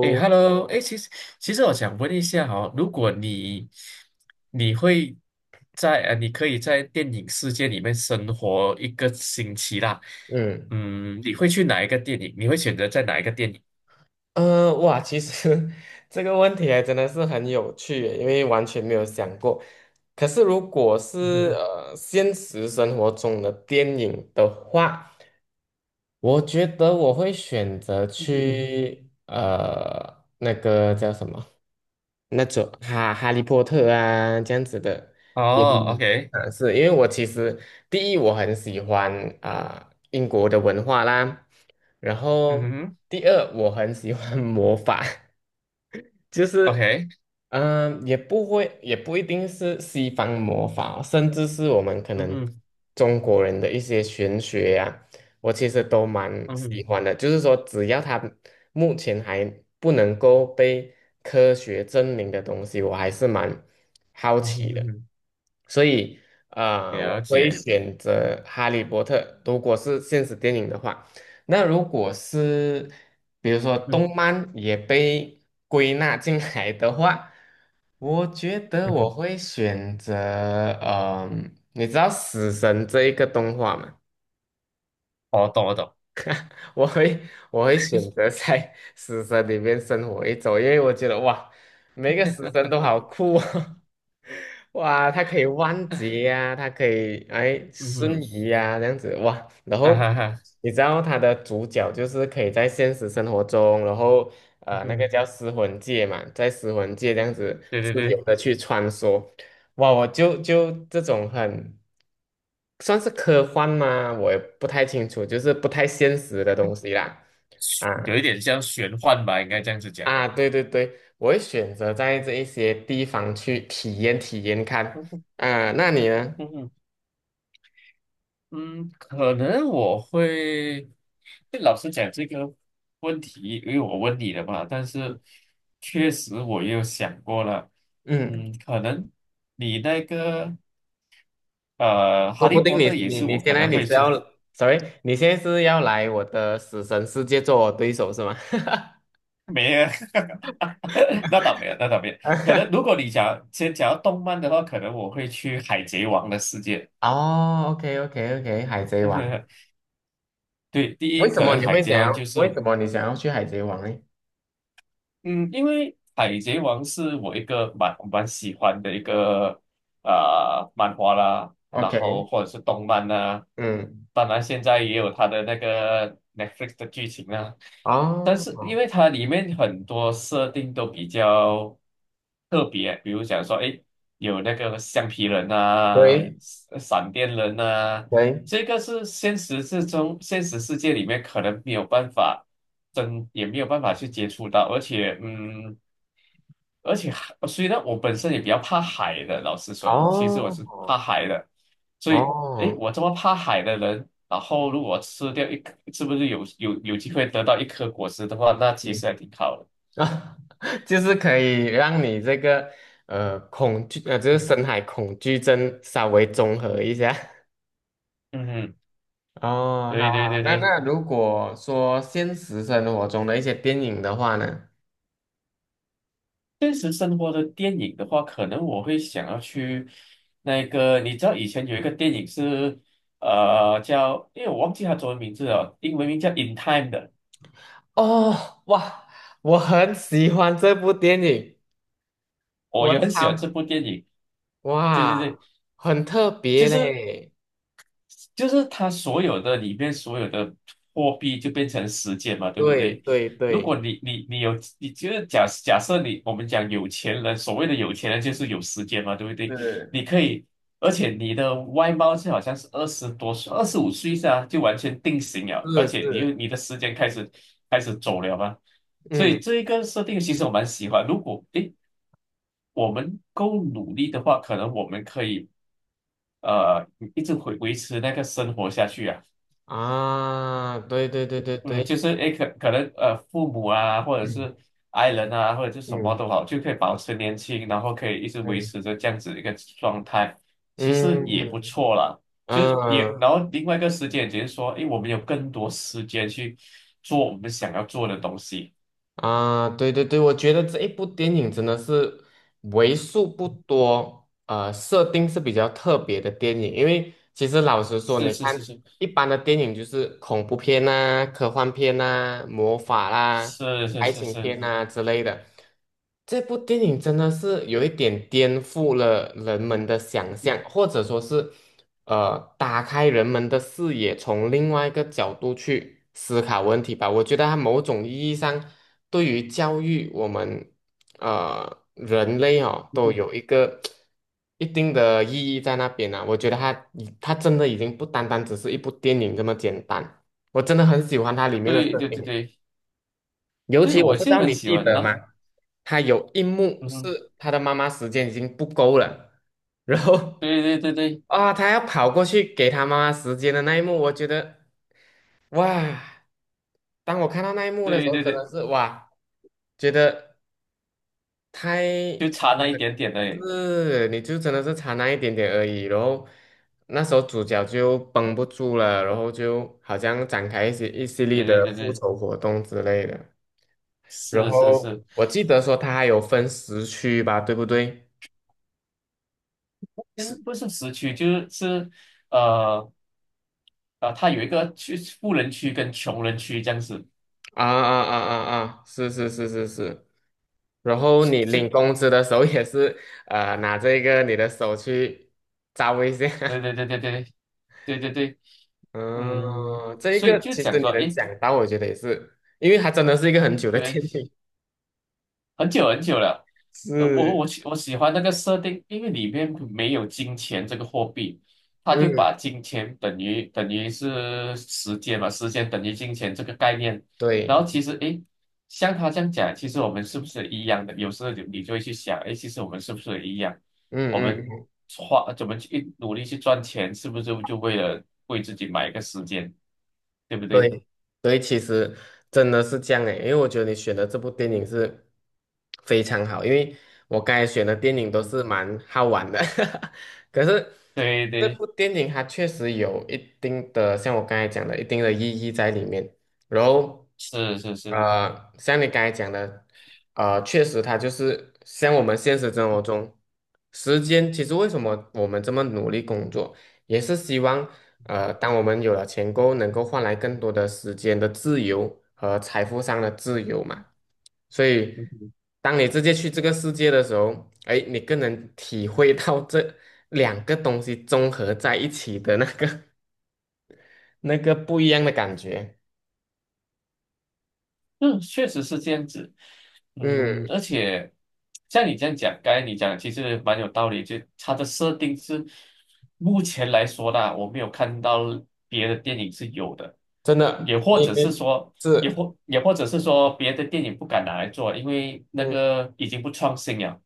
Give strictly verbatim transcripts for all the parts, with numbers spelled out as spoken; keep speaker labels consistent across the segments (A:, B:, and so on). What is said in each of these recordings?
A: 哎，Hello，哎，其实其实我想问一下哈、如果你你会在呃，你可以在电影世界里面生活一个星期啦，
B: 嗯
A: 嗯，你会去哪一个电影？你会选择在哪一个电影？
B: 呃，哇，其实 这个问题还真的是很有趣耶，因为完全没有想过。可是如果
A: 嗯哼
B: 是
A: 哼。
B: 呃现实生活中的电影的话，我觉得我会选择
A: 嗯哼哼。
B: 去呃那个叫什么，那种哈哈利波特啊这样子的。电
A: 哦
B: 影，
A: ，OK。
B: 啊，是因为我其实第一我很喜欢啊、英国的文化啦，然
A: 嗯
B: 后
A: 哼
B: 第二，我很喜欢 魔法，就是
A: ，OK。
B: 嗯、呃也不会，也不一定是西方魔法哦，甚至是我们可
A: 嗯
B: 能
A: 哼，
B: 中国人的一些玄学呀、我其实都蛮
A: 嗯
B: 喜
A: 哼，
B: 欢的。就是说，只要它目前还不能够被科学证明的东西，我还是蛮好
A: 嗯哼，
B: 奇
A: 嗯
B: 的。
A: 哼，
B: 所以，呃，
A: 了
B: 我会
A: 解。
B: 选择《哈利波特》，如果是现实电影的话。那如果是比如说
A: 嗯哼，
B: 动漫也被归纳进来的话，我觉得
A: 嗯
B: 我
A: 哼，
B: 会选择，嗯、你知道《死神》这一个动画吗？
A: 我懂，我懂。
B: 我会我会选择在 死神里面生活一周，因为我觉得哇，每个死神都好酷哦。哇，它可以弯截呀、它可以哎
A: 嗯哼。
B: 瞬移呀、这样子哇，然
A: 啊
B: 后
A: 哈哈。
B: 你知道它的主角就是可以在现实生活中，然后
A: 嗯
B: 呃那个
A: 哼。
B: 叫尸魂界嘛，在尸魂界这样子
A: 对对
B: 自由
A: 对，
B: 的去穿梭，哇，我就就这种很。算是科幻吗？我也不太清楚，就是不太现实的东西啦。啊
A: 有一点像玄幻吧，应该这样子讲。
B: 啊，对对对，我会选择在这一些地方去体验体验看。
A: 嗯哼。
B: 啊，那你呢？
A: 嗯哼。嗯，可能我会，老实讲这个问题，因为我问你了嘛，但是确实我也有想过了。
B: 嗯，
A: 嗯，可能你那个呃，
B: 说
A: 哈
B: 不
A: 利
B: 定
A: 波
B: 你
A: 特也
B: 你
A: 是
B: 你
A: 我
B: 现
A: 可
B: 在
A: 能
B: 你
A: 会
B: 是要
A: 去。
B: ，sorry，你现在是要来我的死神世界做我对手是吗？
A: 没有，那倒没有，那倒没有，可能如 果你讲先讲到动漫的话，可能我会去海贼王的世界。
B: 哦，OK OK OK，海贼王，
A: 对，第
B: 为
A: 一
B: 什
A: 可
B: 么
A: 能
B: 你
A: 海
B: 会
A: 贼
B: 想要？
A: 王就是。
B: 为什么你想要去海贼王呢
A: 嗯，因为《海贼王》是我一个蛮蛮喜欢的一个啊、呃漫画啦，然
B: ？OK，
A: 后或者是动漫啦，
B: 嗯，
A: 当然现在也有它的那个 Netflix 的剧情啦。但
B: 哦，
A: 是因
B: 哦，
A: 为它里面很多设定都比较特别，比如讲说，哎，有那个橡皮人啊、
B: 对
A: 闪闪电人啊，
B: 对。
A: 这个是现实之中，现实世界里面可能没有办法真，也没有办法去接触到，而且，嗯，而且海以呢，我本身也比较怕海的，老实说，其实我
B: 哦
A: 是怕海的。所以，诶，
B: 哦，
A: 我这么怕海的人，然后如果吃掉一颗，是不是有有有机会得到一颗果实的话，那其
B: 嗯
A: 实还挺好的。
B: 啊，就是可以让你这个呃恐惧呃，就是
A: 嗯。
B: 深海恐惧症稍微综合一下。
A: 嗯，
B: 哦，好
A: 对对
B: 好，
A: 对
B: 那
A: 对。
B: 那如果说现实生活中的一些电影的话呢？
A: 现实生活的电影的话，可能我会想要去那个，你知道以前有一个电影是呃叫，因为我忘记它中文名字了，英文名叫《In Time》的。
B: 哦，哇，我很喜欢这部电影，
A: 我
B: 我
A: 也很喜欢
B: 操，
A: 这部电影。对对
B: 哇，
A: 对，
B: 很特
A: 就
B: 别
A: 是
B: 嘞，
A: 就是他所有的里面所有的货币就变成时间嘛，对不
B: 对
A: 对？
B: 对
A: 如
B: 对，
A: 果你你你有，你就是假假设你我们讲有钱人，所谓的有钱人就是有时间嘛，对不对？
B: 是
A: 你可以，而且你的外貌是好像是二十多岁、二十五岁啊，就完全定型了，而
B: 是
A: 且你又
B: 是，
A: 你的时间开始开始走了嘛。所以
B: 嗯
A: 这一个设定其实我蛮喜欢。如果诶我们够努力的话，可能我们可以呃一直维维持那个生活下去啊。
B: 啊，对对对对
A: 嗯，
B: 对。
A: 就是诶，可可能呃，父母啊，或者
B: 嗯
A: 是爱人啊，或者是什么
B: 嗯
A: 都好，就可以保持年轻，然后可以一直维
B: 嗯
A: 持着这样子一个状态，其实也不
B: 嗯
A: 错啦。就是也，然
B: 嗯
A: 后另外一个时间点就是说，诶，我们有更多时间去做我们想要做的东西。
B: 啊，对对对，我觉得这一部电影真的是为数不多，呃，设定是比较特别的电影。因为其实老实说，
A: 是
B: 你
A: 是
B: 看
A: 是是。
B: 一般的电影就是恐怖片呐、科幻片呐、魔法啦、
A: 是是
B: 爱
A: 是
B: 情片
A: 是。
B: 呐、之类的。这部电影真的是有一点颠覆了人们的想象，或者说是。呃，打开人们的视野，从另外一个角度去思考问题吧。我觉得它某种意义上对于教育我们呃人类哦，都
A: 嗯，
B: 有一个一定的意义在那边呢、我觉得它已它真的已经不单单只是一部电影这么简单，我真的很喜欢它里面的
A: 对
B: 设
A: 对对
B: 定。
A: 对
B: 尤
A: 对，
B: 其我
A: 我
B: 不知
A: 现在
B: 道
A: 很
B: 你
A: 喜
B: 记
A: 欢
B: 得
A: 呢。
B: 吗？他有一幕
A: 嗯哼。
B: 是他的妈妈时间已经不够了，然后
A: 对对对对
B: 啊，他要跑过去给他妈妈时间的那一幕，我觉得哇，当我看到那一幕的时
A: 对
B: 候，
A: 对
B: 真
A: 对，
B: 的是哇，觉得太
A: 就差那
B: 嗯
A: 一点点而已。
B: 是，你就真的是差那一点点而已，然后那时候主角就绷不住了，然后就好像展开一些一系列
A: 对
B: 的
A: 对对
B: 复
A: 对。
B: 仇活动之类的。然
A: 是是
B: 后
A: 是。
B: 我记得说它还有分时区吧，对不对？是，
A: 嗯，不是市区，就是是，呃啊，它有一个区富人区跟穷人区这样子。
B: 啊啊啊啊啊！是是是是是。然后
A: 是
B: 你领
A: 是。
B: 工资的时候也是，呃，拿这个你的手去招一下。
A: 对对 对对对对对对。嗯，
B: 嗯，这一
A: 所以
B: 个
A: 就
B: 其实
A: 讲
B: 你
A: 说，
B: 能
A: 诶，
B: 想到，我觉得也是，因为它真的是一个很久的
A: 对，
B: 天影。
A: 很久很久了。呃，我
B: 是，
A: 我喜我喜欢那个设定，因为里面没有金钱这个货币，它就
B: 嗯，
A: 把金钱等于等于是时间嘛，时间等于金钱这个概念。然后
B: 对，
A: 其实诶，像他这样讲，其实我们是不是一样的？有时候你你就会去想，诶，其实我们是不是一样？
B: 嗯
A: 我们
B: 嗯。
A: 花怎么去努力去赚钱，是不是就就为了为自己买一个时间，对不对？
B: 对，所以其实真的是这样诶，因为我觉得你选的这部电影是非常好，因为我刚才选的电影都
A: 嗯，
B: 是蛮好玩的，可是
A: 对
B: 这
A: 对，对。
B: 部电影它确实有一定的，像我刚才讲的，一定的意义在里面。然后，
A: 是是是。
B: 呃，像你刚才讲的，呃，确实它就是像我们现实生活中，时间其实为什么我们这么努力工作？也是希望呃，当我们有了钱够，能够换来更多的时间的自由和财富上的自由嘛。所以，当你直接去这个世界的时候，哎，你更能体会到这两个东西综合在一起的那个 那个不一样的感觉。
A: 嗯，嗯确实是这样子。嗯，
B: 嗯，
A: 而且像你这样讲，刚才你讲其实蛮有道理，就它的设定是目前来说呢，我没有看到别的电影是有的，
B: 真
A: 也
B: 的，
A: 或
B: 你
A: 者是
B: 你
A: 说，也
B: 是。
A: 或也或者是说别的电影不敢拿来做，因为那
B: 嗯。
A: 个已经不创新了。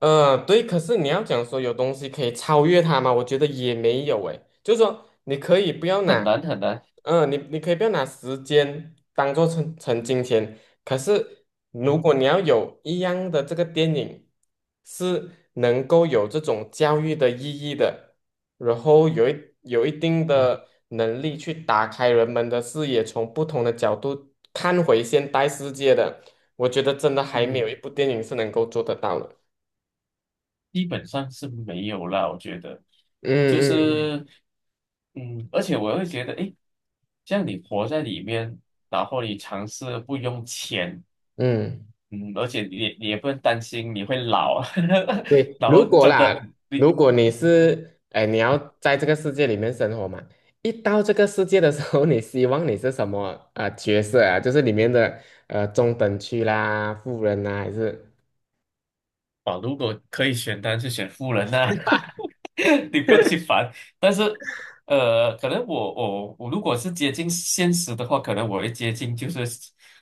B: 呃，对，可是你要讲说有东西可以超越它吗？我觉得也没有诶，就是说你可以不要
A: 很
B: 拿，
A: 难很难。
B: 嗯、你你可以不要拿时间当做成成金钱，可是如
A: 嗯。
B: 果你要有一样的这个电影是能够有这种教育的意义的，然后有一有一定
A: 嗯。
B: 的能力去打开人们的视野，从不同的角度看回现代世界的，我觉得真的还没有
A: 嗯。
B: 一部电影是能够做得到的。
A: 基本上是没有啦，我觉得，
B: 嗯
A: 就
B: 嗯
A: 是，嗯，而且我会觉得，诶，这样你活在里面，然后你尝试不用钱。
B: 嗯，
A: 嗯，而且你也你也不用担心你会老，
B: 对，
A: 然后
B: 如果
A: 真的
B: 啦，
A: 你。
B: 如果你
A: 嗯，
B: 是，哎，你要在这个世界里面生活嘛，一到这个世界的时候，你希望你是什么呃角色啊？就是里面的呃中等区啦、富人啦，还是
A: 啊，如果可以选，单，是选富人呐、你不用去烦。但是，呃，可能我我我如果是接近现实的话，可能我会接近，就是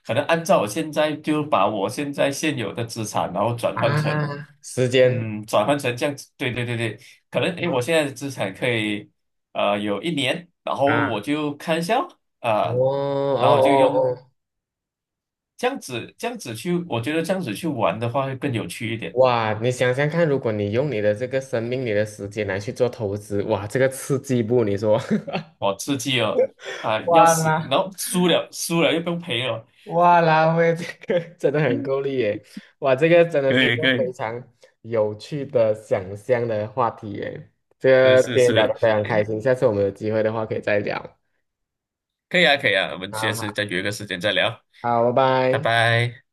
A: 可能按照我现在就把我现在现有的资产，然后转换成，
B: 啊时间
A: 嗯，转换成这样子。对对对对，可能诶，我现在的资产可以，呃，有一年，然后我
B: 啊？
A: 就看一下
B: 哦
A: 啊、然后
B: 哦
A: 我就
B: 哦
A: 用
B: 哦，
A: 这样子这样子去，我觉得这样子去玩的话会更有趣一点。
B: 哇！你想想看，如果你用你的这个生命、你的时间来去做投资，哇，这个刺激不？你说？
A: 我刺激哦。啊、要
B: 哇
A: 死，
B: 啦！
A: 然后输了，输了又不用赔了。
B: 哇拉菲这个 真的很够力耶！哇，这个真的
A: 可
B: 是一
A: 以
B: 个
A: 可
B: 非
A: 以。
B: 常有趣的想象的话题耶。这
A: 是
B: 个
A: 是
B: 今天聊得
A: 是。
B: 非常开
A: 诶，
B: 心，下次我们有机会的话可以再聊。
A: 可以啊可以啊，我们下
B: 好
A: 次
B: 好，
A: 再约个时间再聊。
B: 好，拜
A: 拜
B: 拜。
A: 拜。